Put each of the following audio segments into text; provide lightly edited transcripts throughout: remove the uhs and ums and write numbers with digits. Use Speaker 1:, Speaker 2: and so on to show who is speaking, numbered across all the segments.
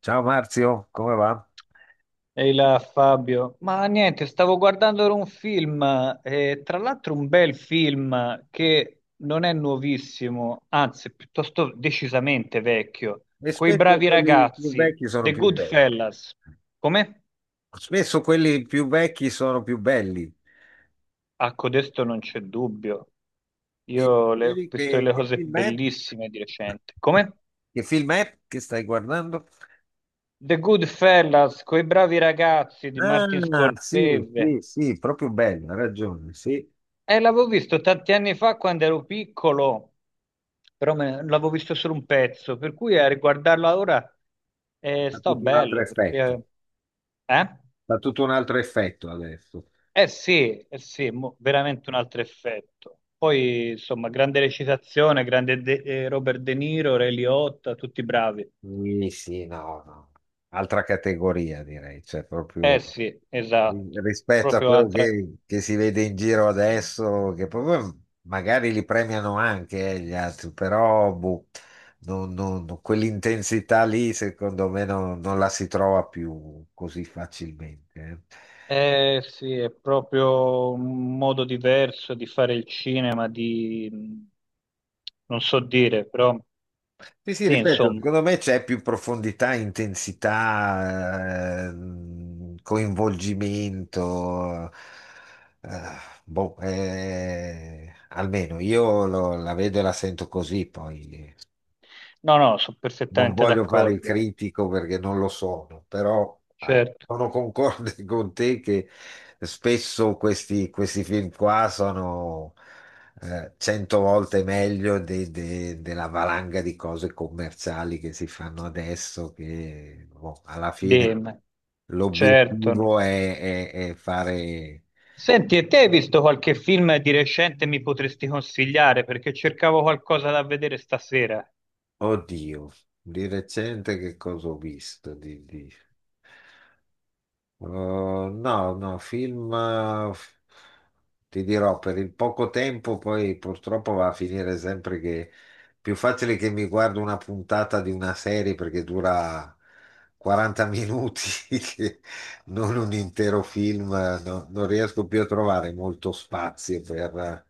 Speaker 1: Ciao Marzio, come va?
Speaker 2: Ehi là Fabio, ma niente, stavo guardando ora un film, tra l'altro un bel film che non è nuovissimo, anzi è piuttosto decisamente vecchio,
Speaker 1: E
Speaker 2: Quei
Speaker 1: spesso
Speaker 2: bravi
Speaker 1: quelli più
Speaker 2: ragazzi,
Speaker 1: vecchi sono
Speaker 2: The
Speaker 1: più
Speaker 2: Good
Speaker 1: belli.
Speaker 2: Fellas. Come?
Speaker 1: Spesso quelli più vecchi sono più belli.
Speaker 2: A codesto non c'è dubbio,
Speaker 1: E
Speaker 2: ho
Speaker 1: dicevi
Speaker 2: visto
Speaker 1: che,
Speaker 2: le
Speaker 1: che
Speaker 2: cose
Speaker 1: film è?
Speaker 2: bellissime di recente. Come?
Speaker 1: Che film è che stai guardando?
Speaker 2: The Good Fellas, Quei bravi ragazzi di Martin
Speaker 1: Ah, sì,
Speaker 2: Scorsese.
Speaker 1: sì, sì, proprio bello, hai ragione, sì.
Speaker 2: L'avevo visto tanti anni fa quando ero piccolo, però l'avevo visto solo un pezzo, per cui a riguardarlo ora
Speaker 1: Fa
Speaker 2: sto
Speaker 1: tutto un altro
Speaker 2: bello
Speaker 1: effetto.
Speaker 2: perché... Eh?
Speaker 1: Fa tutto un altro effetto adesso.
Speaker 2: Sì, eh sì, veramente un altro effetto. Poi, insomma, grande recitazione, grande Robert De Niro, Ray Liotta, tutti bravi.
Speaker 1: Sì, sì, no, no. Altra categoria direi, cioè
Speaker 2: Eh
Speaker 1: proprio
Speaker 2: sì, esatto,
Speaker 1: rispetto a
Speaker 2: proprio
Speaker 1: quello
Speaker 2: altra...
Speaker 1: che si vede in giro adesso, che proprio magari li premiano anche gli altri, però boh, quell'intensità lì secondo me non la si trova più così facilmente.
Speaker 2: Eh sì, è proprio un modo diverso di fare il cinema, di... non so dire, però
Speaker 1: Sì, sì,
Speaker 2: sì,
Speaker 1: ripeto,
Speaker 2: insomma.
Speaker 1: secondo me c'è più profondità, intensità, coinvolgimento. Eh, boh, almeno io la vedo e la sento così. Poi
Speaker 2: No, no, sono
Speaker 1: non
Speaker 2: perfettamente
Speaker 1: voglio fare il
Speaker 2: d'accordo,
Speaker 1: critico perché non lo sono, però
Speaker 2: certo,
Speaker 1: sono concorde con te che spesso questi film qua sono cento volte meglio della valanga di cose commerciali che si fanno adesso, che boh, alla fine
Speaker 2: dimmi, certo.
Speaker 1: l'obiettivo è fare...
Speaker 2: Senti, e te hai visto qualche film di recente mi potresti consigliare? Perché cercavo qualcosa da vedere stasera,
Speaker 1: Oddio, di recente che cosa ho visto? No, no, film, ti dirò, per il poco tempo poi purtroppo va a finire sempre che è più facile che mi guardo una puntata di una serie perché dura 40 minuti, che non un intero film, non riesco più a trovare molto spazio per eh,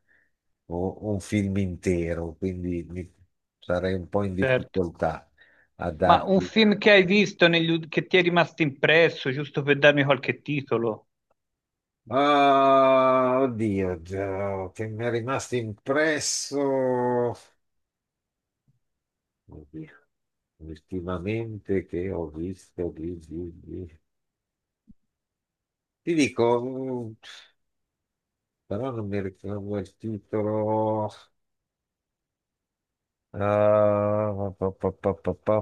Speaker 1: o- un film intero, quindi sarei un po' in
Speaker 2: certo.
Speaker 1: difficoltà a
Speaker 2: Ma un
Speaker 1: darti.
Speaker 2: film che hai visto che ti è rimasto impresso, giusto per darmi qualche titolo?
Speaker 1: Ah, oddio, già, che mi è rimasto impresso. Oddio, ultimamente che ho visto ti dico, però non mi ricordo il titolo. Ah, pa, pa, pa, pa, pa.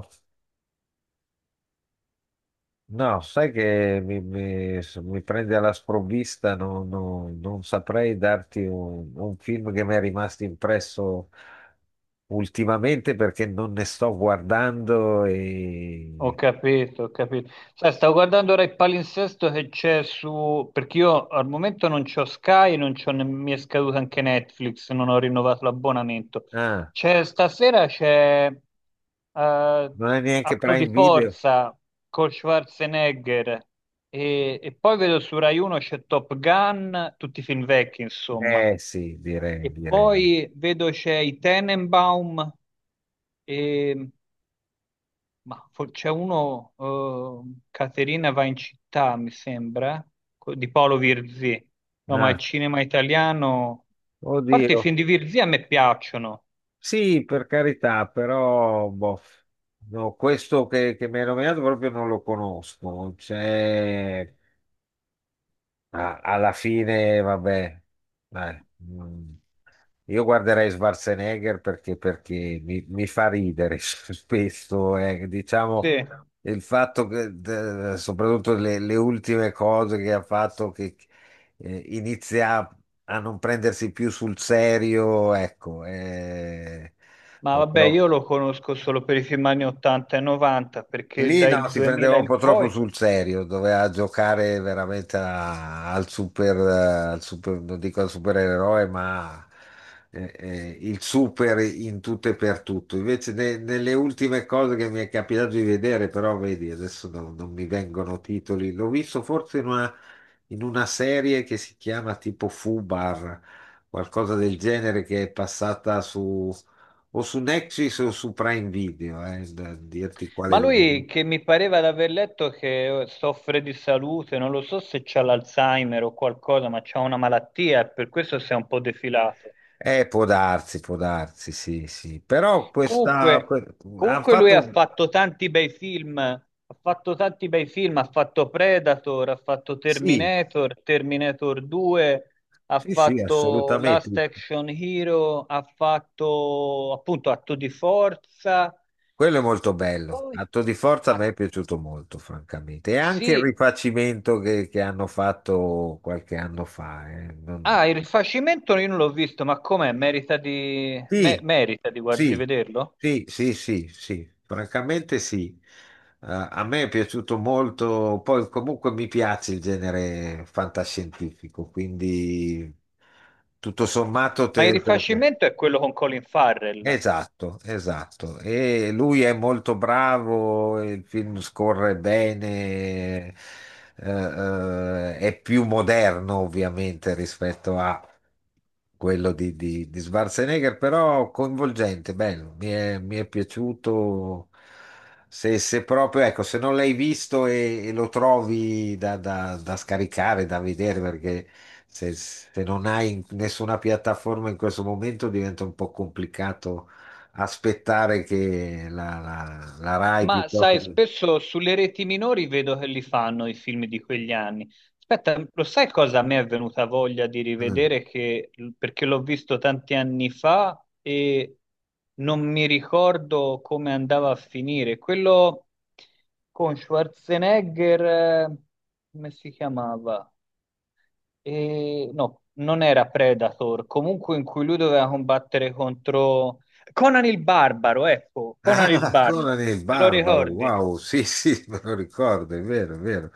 Speaker 1: No, sai che mi prende alla sprovvista, non saprei darti un film che mi è rimasto impresso ultimamente perché non ne sto guardando
Speaker 2: Ho
Speaker 1: e...
Speaker 2: capito, ho capito. Sai, stavo guardando ora il palinsesto che c'è su... perché io al momento non c'ho Sky, non c'ho ne- mi è scaduto anche Netflix, non ho rinnovato l'abbonamento.
Speaker 1: Ah,
Speaker 2: C'è stasera c'è
Speaker 1: non è neanche
Speaker 2: Atto di
Speaker 1: Prime Video?
Speaker 2: forza con Schwarzenegger e poi vedo su Rai 1 c'è Top Gun, tutti i film vecchi, insomma.
Speaker 1: Eh sì, direi,
Speaker 2: E
Speaker 1: direi.
Speaker 2: poi vedo c'è i Tenenbaum e c'è uno, Caterina va in città, mi sembra, di Paolo Virzì. No, ma il
Speaker 1: Ah,
Speaker 2: cinema italiano... A parte i
Speaker 1: oddio.
Speaker 2: film di Virzì a me piacciono,
Speaker 1: Sì, per carità, però boh, no, questo che mi hai nominato proprio non lo conosco. C'è... Ah, alla fine, vabbè, dai, io guarderei Schwarzenegger perché, perché mi fa ridere spesso, diciamo,
Speaker 2: sì.
Speaker 1: il fatto che, soprattutto le ultime cose che ha fatto, che inizia a non prendersi più sul serio, ecco.
Speaker 2: Ma vabbè,
Speaker 1: Però
Speaker 2: io lo conosco solo per i film anni 80 e 90, perché
Speaker 1: lì no,
Speaker 2: dal
Speaker 1: si prendeva
Speaker 2: 2000
Speaker 1: un po'
Speaker 2: in
Speaker 1: troppo
Speaker 2: poi...
Speaker 1: sul serio, doveva giocare veramente al super, al non dico al supereroe, ma il super in tutto e per tutto. Invece nelle ultime cose che mi è capitato di vedere, però vedi, adesso non mi vengono titoli, l'ho visto forse in una serie che si chiama tipo Fubar, qualcosa del genere che è passata su o su Nexus o su Prime Video, da dirti quale
Speaker 2: Ma
Speaker 1: deve...
Speaker 2: lui, che mi pareva di aver letto che soffre di salute, non lo so se c'ha l'Alzheimer o qualcosa, ma c'ha una malattia, e per questo si è un po' defilato.
Speaker 1: Può darsi, sì, sì.
Speaker 2: Comunque,
Speaker 1: Hanno
Speaker 2: comunque lui ha
Speaker 1: fatto,
Speaker 2: fatto tanti bei film, ha fatto tanti bei film, ha fatto Predator, ha fatto
Speaker 1: sì,
Speaker 2: Terminator, Terminator 2, ha
Speaker 1: sì, sì,
Speaker 2: fatto
Speaker 1: assolutamente.
Speaker 2: Last Action Hero, ha fatto appunto Atto di Forza,
Speaker 1: Quello è molto
Speaker 2: e
Speaker 1: bello.
Speaker 2: poi
Speaker 1: Atto di forza a
Speaker 2: ah,
Speaker 1: me è piaciuto molto, francamente. E anche il
Speaker 2: sì,
Speaker 1: rifacimento che hanno fatto qualche anno fa. Non...
Speaker 2: ah, il rifacimento io non l'ho visto, ma com'è?
Speaker 1: Sì,
Speaker 2: Merita di, di
Speaker 1: sì,
Speaker 2: vederlo?
Speaker 1: sì, sì, sì, sì, francamente sì. A me è piaciuto molto, poi comunque mi piace il genere fantascientifico, quindi tutto sommato
Speaker 2: Ma il
Speaker 1: te lo può...
Speaker 2: rifacimento è quello con Colin Farrell.
Speaker 1: Esatto, esatto. E lui è molto bravo, il film scorre bene, è più moderno ovviamente rispetto a quello di Schwarzenegger, però coinvolgente, bello, mi è piaciuto. Se proprio, ecco, se non l'hai visto e lo trovi da scaricare, da vedere, perché se non hai nessuna piattaforma in questo momento diventa un po' complicato aspettare che la Rai
Speaker 2: Ma
Speaker 1: piuttosto
Speaker 2: sai,
Speaker 1: che...
Speaker 2: spesso sulle reti minori vedo che li fanno i film di quegli anni. Aspetta, lo sai cosa a me è venuta voglia di
Speaker 1: Mm.
Speaker 2: rivedere? Che, perché l'ho visto tanti anni fa e non mi ricordo come andava a finire. Quello con Schwarzenegger, eh, come si chiamava? E, no, non era Predator, comunque in cui lui doveva combattere contro Conan il Barbaro, ecco, Conan il
Speaker 1: Ah,
Speaker 2: Barbaro,
Speaker 1: Conan il
Speaker 2: te lo
Speaker 1: Barbaro,
Speaker 2: ricordi?
Speaker 1: wow, sì, sì, me lo ricordo, è vero, è vero.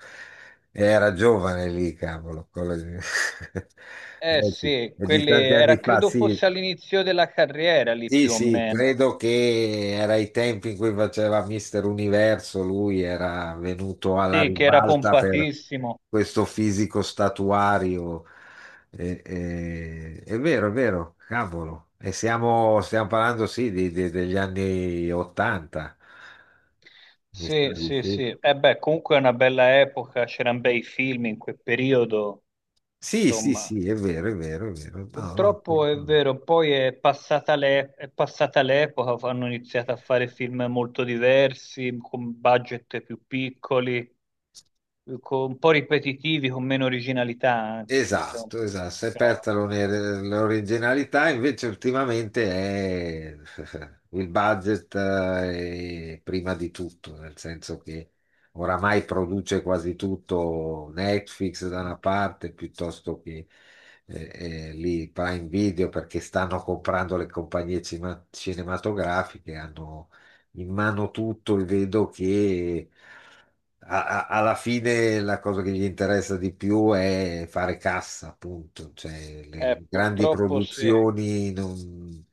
Speaker 1: Era giovane lì, cavolo. Conan...
Speaker 2: Eh
Speaker 1: Eh sì,
Speaker 2: sì,
Speaker 1: è di
Speaker 2: quelli
Speaker 1: tanti anni
Speaker 2: era,
Speaker 1: fa,
Speaker 2: credo
Speaker 1: sì,
Speaker 2: fosse all'inizio della carriera lì
Speaker 1: sì,
Speaker 2: più o
Speaker 1: sì,
Speaker 2: meno.
Speaker 1: credo che era i tempi in cui faceva Mister Universo, lui era venuto alla
Speaker 2: Sì, che era
Speaker 1: ribalta per
Speaker 2: pompatissimo.
Speaker 1: questo fisico statuario. È vero, cavolo. E siamo, stiamo parlando, sì, degli anni 80. Mi
Speaker 2: Sì,
Speaker 1: stavi,
Speaker 2: sì,
Speaker 1: sì?
Speaker 2: sì. E beh, comunque è una bella epoca, c'erano bei film in quel periodo,
Speaker 1: Sì, sì,
Speaker 2: insomma.
Speaker 1: sì, è vero, è vero, è vero. No, no, per...
Speaker 2: Purtroppo è vero, poi è passata l'epoca, hanno iniziato a fare film molto diversi, con budget più piccoli, un po' ripetitivi, con meno originalità anche, questo è un
Speaker 1: Esatto, esatto. Si è persa
Speaker 2: peccato.
Speaker 1: l'originalità, invece ultimamente è il budget è prima di tutto, nel senso che oramai produce quasi tutto Netflix da una parte piuttosto che eh, lì Prime Video perché stanno comprando le compagnie cinematografiche, hanno in mano tutto e vedo che alla fine la cosa che gli interessa di più è fare cassa, appunto. Cioè, le grandi
Speaker 2: Purtroppo sì,
Speaker 1: produzioni non...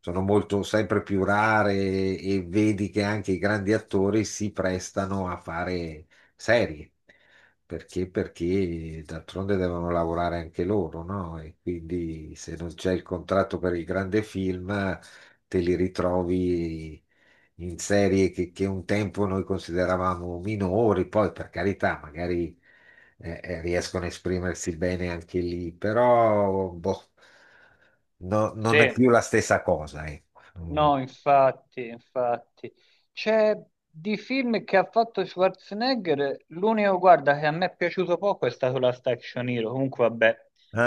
Speaker 1: sono molto sempre più rare e vedi che anche i grandi attori si prestano a fare serie. Perché? Perché d'altronde devono lavorare anche loro, no? E quindi se non c'è il contratto per il grande film, te li ritrovi in serie che un tempo noi consideravamo minori, poi per carità, magari riescono a esprimersi bene anche lì, però boh, non è
Speaker 2: sì,
Speaker 1: più la stessa cosa, ecco. Mm.
Speaker 2: no, infatti, infatti. C'è di film che ha fatto Schwarzenegger, l'unico, guarda, che a me è piaciuto poco è stato la Action Hero, comunque vabbè,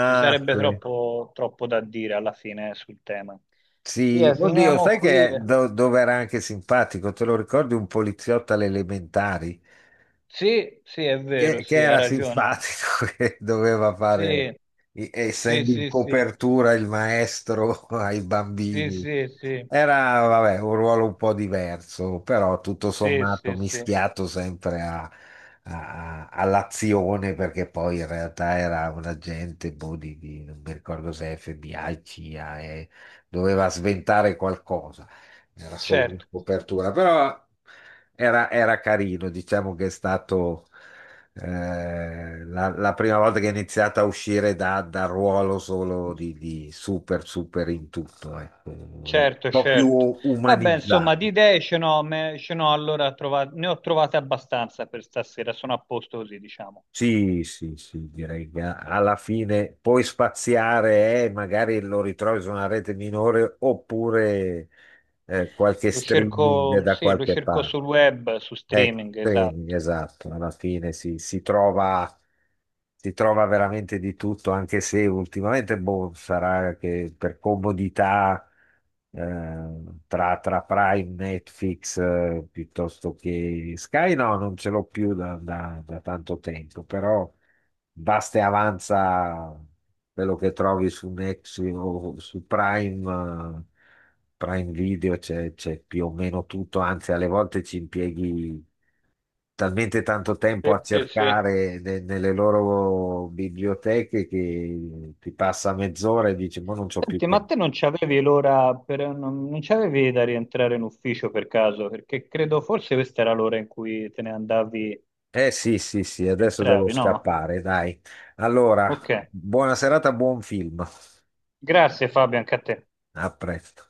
Speaker 2: ci sarebbe
Speaker 1: sì.
Speaker 2: troppo da dire alla fine sul tema. Via,
Speaker 1: Sì. Oddio,
Speaker 2: finiamo
Speaker 1: sai
Speaker 2: qui.
Speaker 1: che dove era anche simpatico? Te lo ricordi Un poliziotto alle elementari?
Speaker 2: Sì, sì, è vero,
Speaker 1: Che
Speaker 2: sì, ha
Speaker 1: era
Speaker 2: ragione.
Speaker 1: simpatico, che doveva
Speaker 2: Sì.
Speaker 1: fare,
Speaker 2: Sì,
Speaker 1: essendo in
Speaker 2: sì, sì,
Speaker 1: copertura il maestro ai
Speaker 2: sì,
Speaker 1: bambini.
Speaker 2: sì, sì,
Speaker 1: Era, vabbè, un ruolo un po' diverso, però tutto
Speaker 2: sì,
Speaker 1: sommato
Speaker 2: sì, sì,
Speaker 1: mischiato sempre all'azione, perché poi in realtà era un agente, boh, non mi ricordo se FBI, CIA, e doveva sventare qualcosa. Era solo una
Speaker 2: certo.
Speaker 1: copertura, però era, era carino, diciamo che è stato. La prima volta che ho iniziato a uscire dal ruolo solo di super, super in tutto, ecco. Un
Speaker 2: Certo,
Speaker 1: po' più
Speaker 2: certo. Vabbè, insomma, di
Speaker 1: umanizzato.
Speaker 2: idee ce n'ho, ne ho trovate abbastanza per stasera, sono a posto così, diciamo.
Speaker 1: Sì, sì, sì, direi che alla fine puoi spaziare e magari lo ritrovi su una rete minore oppure qualche
Speaker 2: Lo
Speaker 1: streaming
Speaker 2: cerco,
Speaker 1: da
Speaker 2: sì, lo
Speaker 1: qualche
Speaker 2: cerco sul
Speaker 1: parte.
Speaker 2: web, su
Speaker 1: Ecco,
Speaker 2: streaming,
Speaker 1: training,
Speaker 2: esatto.
Speaker 1: esatto, alla fine si trova veramente di tutto, anche se ultimamente boh, sarà che per comodità eh, tra Prime, Netflix, piuttosto che Sky, no, non ce l'ho più da, da tanto tempo, però basta e avanza quello che trovi su Next o su Prime, Prime Video, c'è più o meno tutto, anzi alle volte ci impieghi talmente tanto
Speaker 2: Sì,
Speaker 1: tempo a
Speaker 2: sì, sì.
Speaker 1: cercare nelle loro biblioteche che ti passa mezz'ora e dici, ma non c'ho più
Speaker 2: Senti, ma
Speaker 1: tempo.
Speaker 2: te non c'avevi l'ora per, non c'avevi da rientrare in ufficio per caso? Perché credo forse questa era l'ora in cui te ne andavi,
Speaker 1: Eh sì, sì, sì, adesso devo
Speaker 2: entravi, no?
Speaker 1: scappare, dai. Allora,
Speaker 2: Ok,
Speaker 1: buona serata, buon film.
Speaker 2: grazie Fabio, anche a te.
Speaker 1: A presto.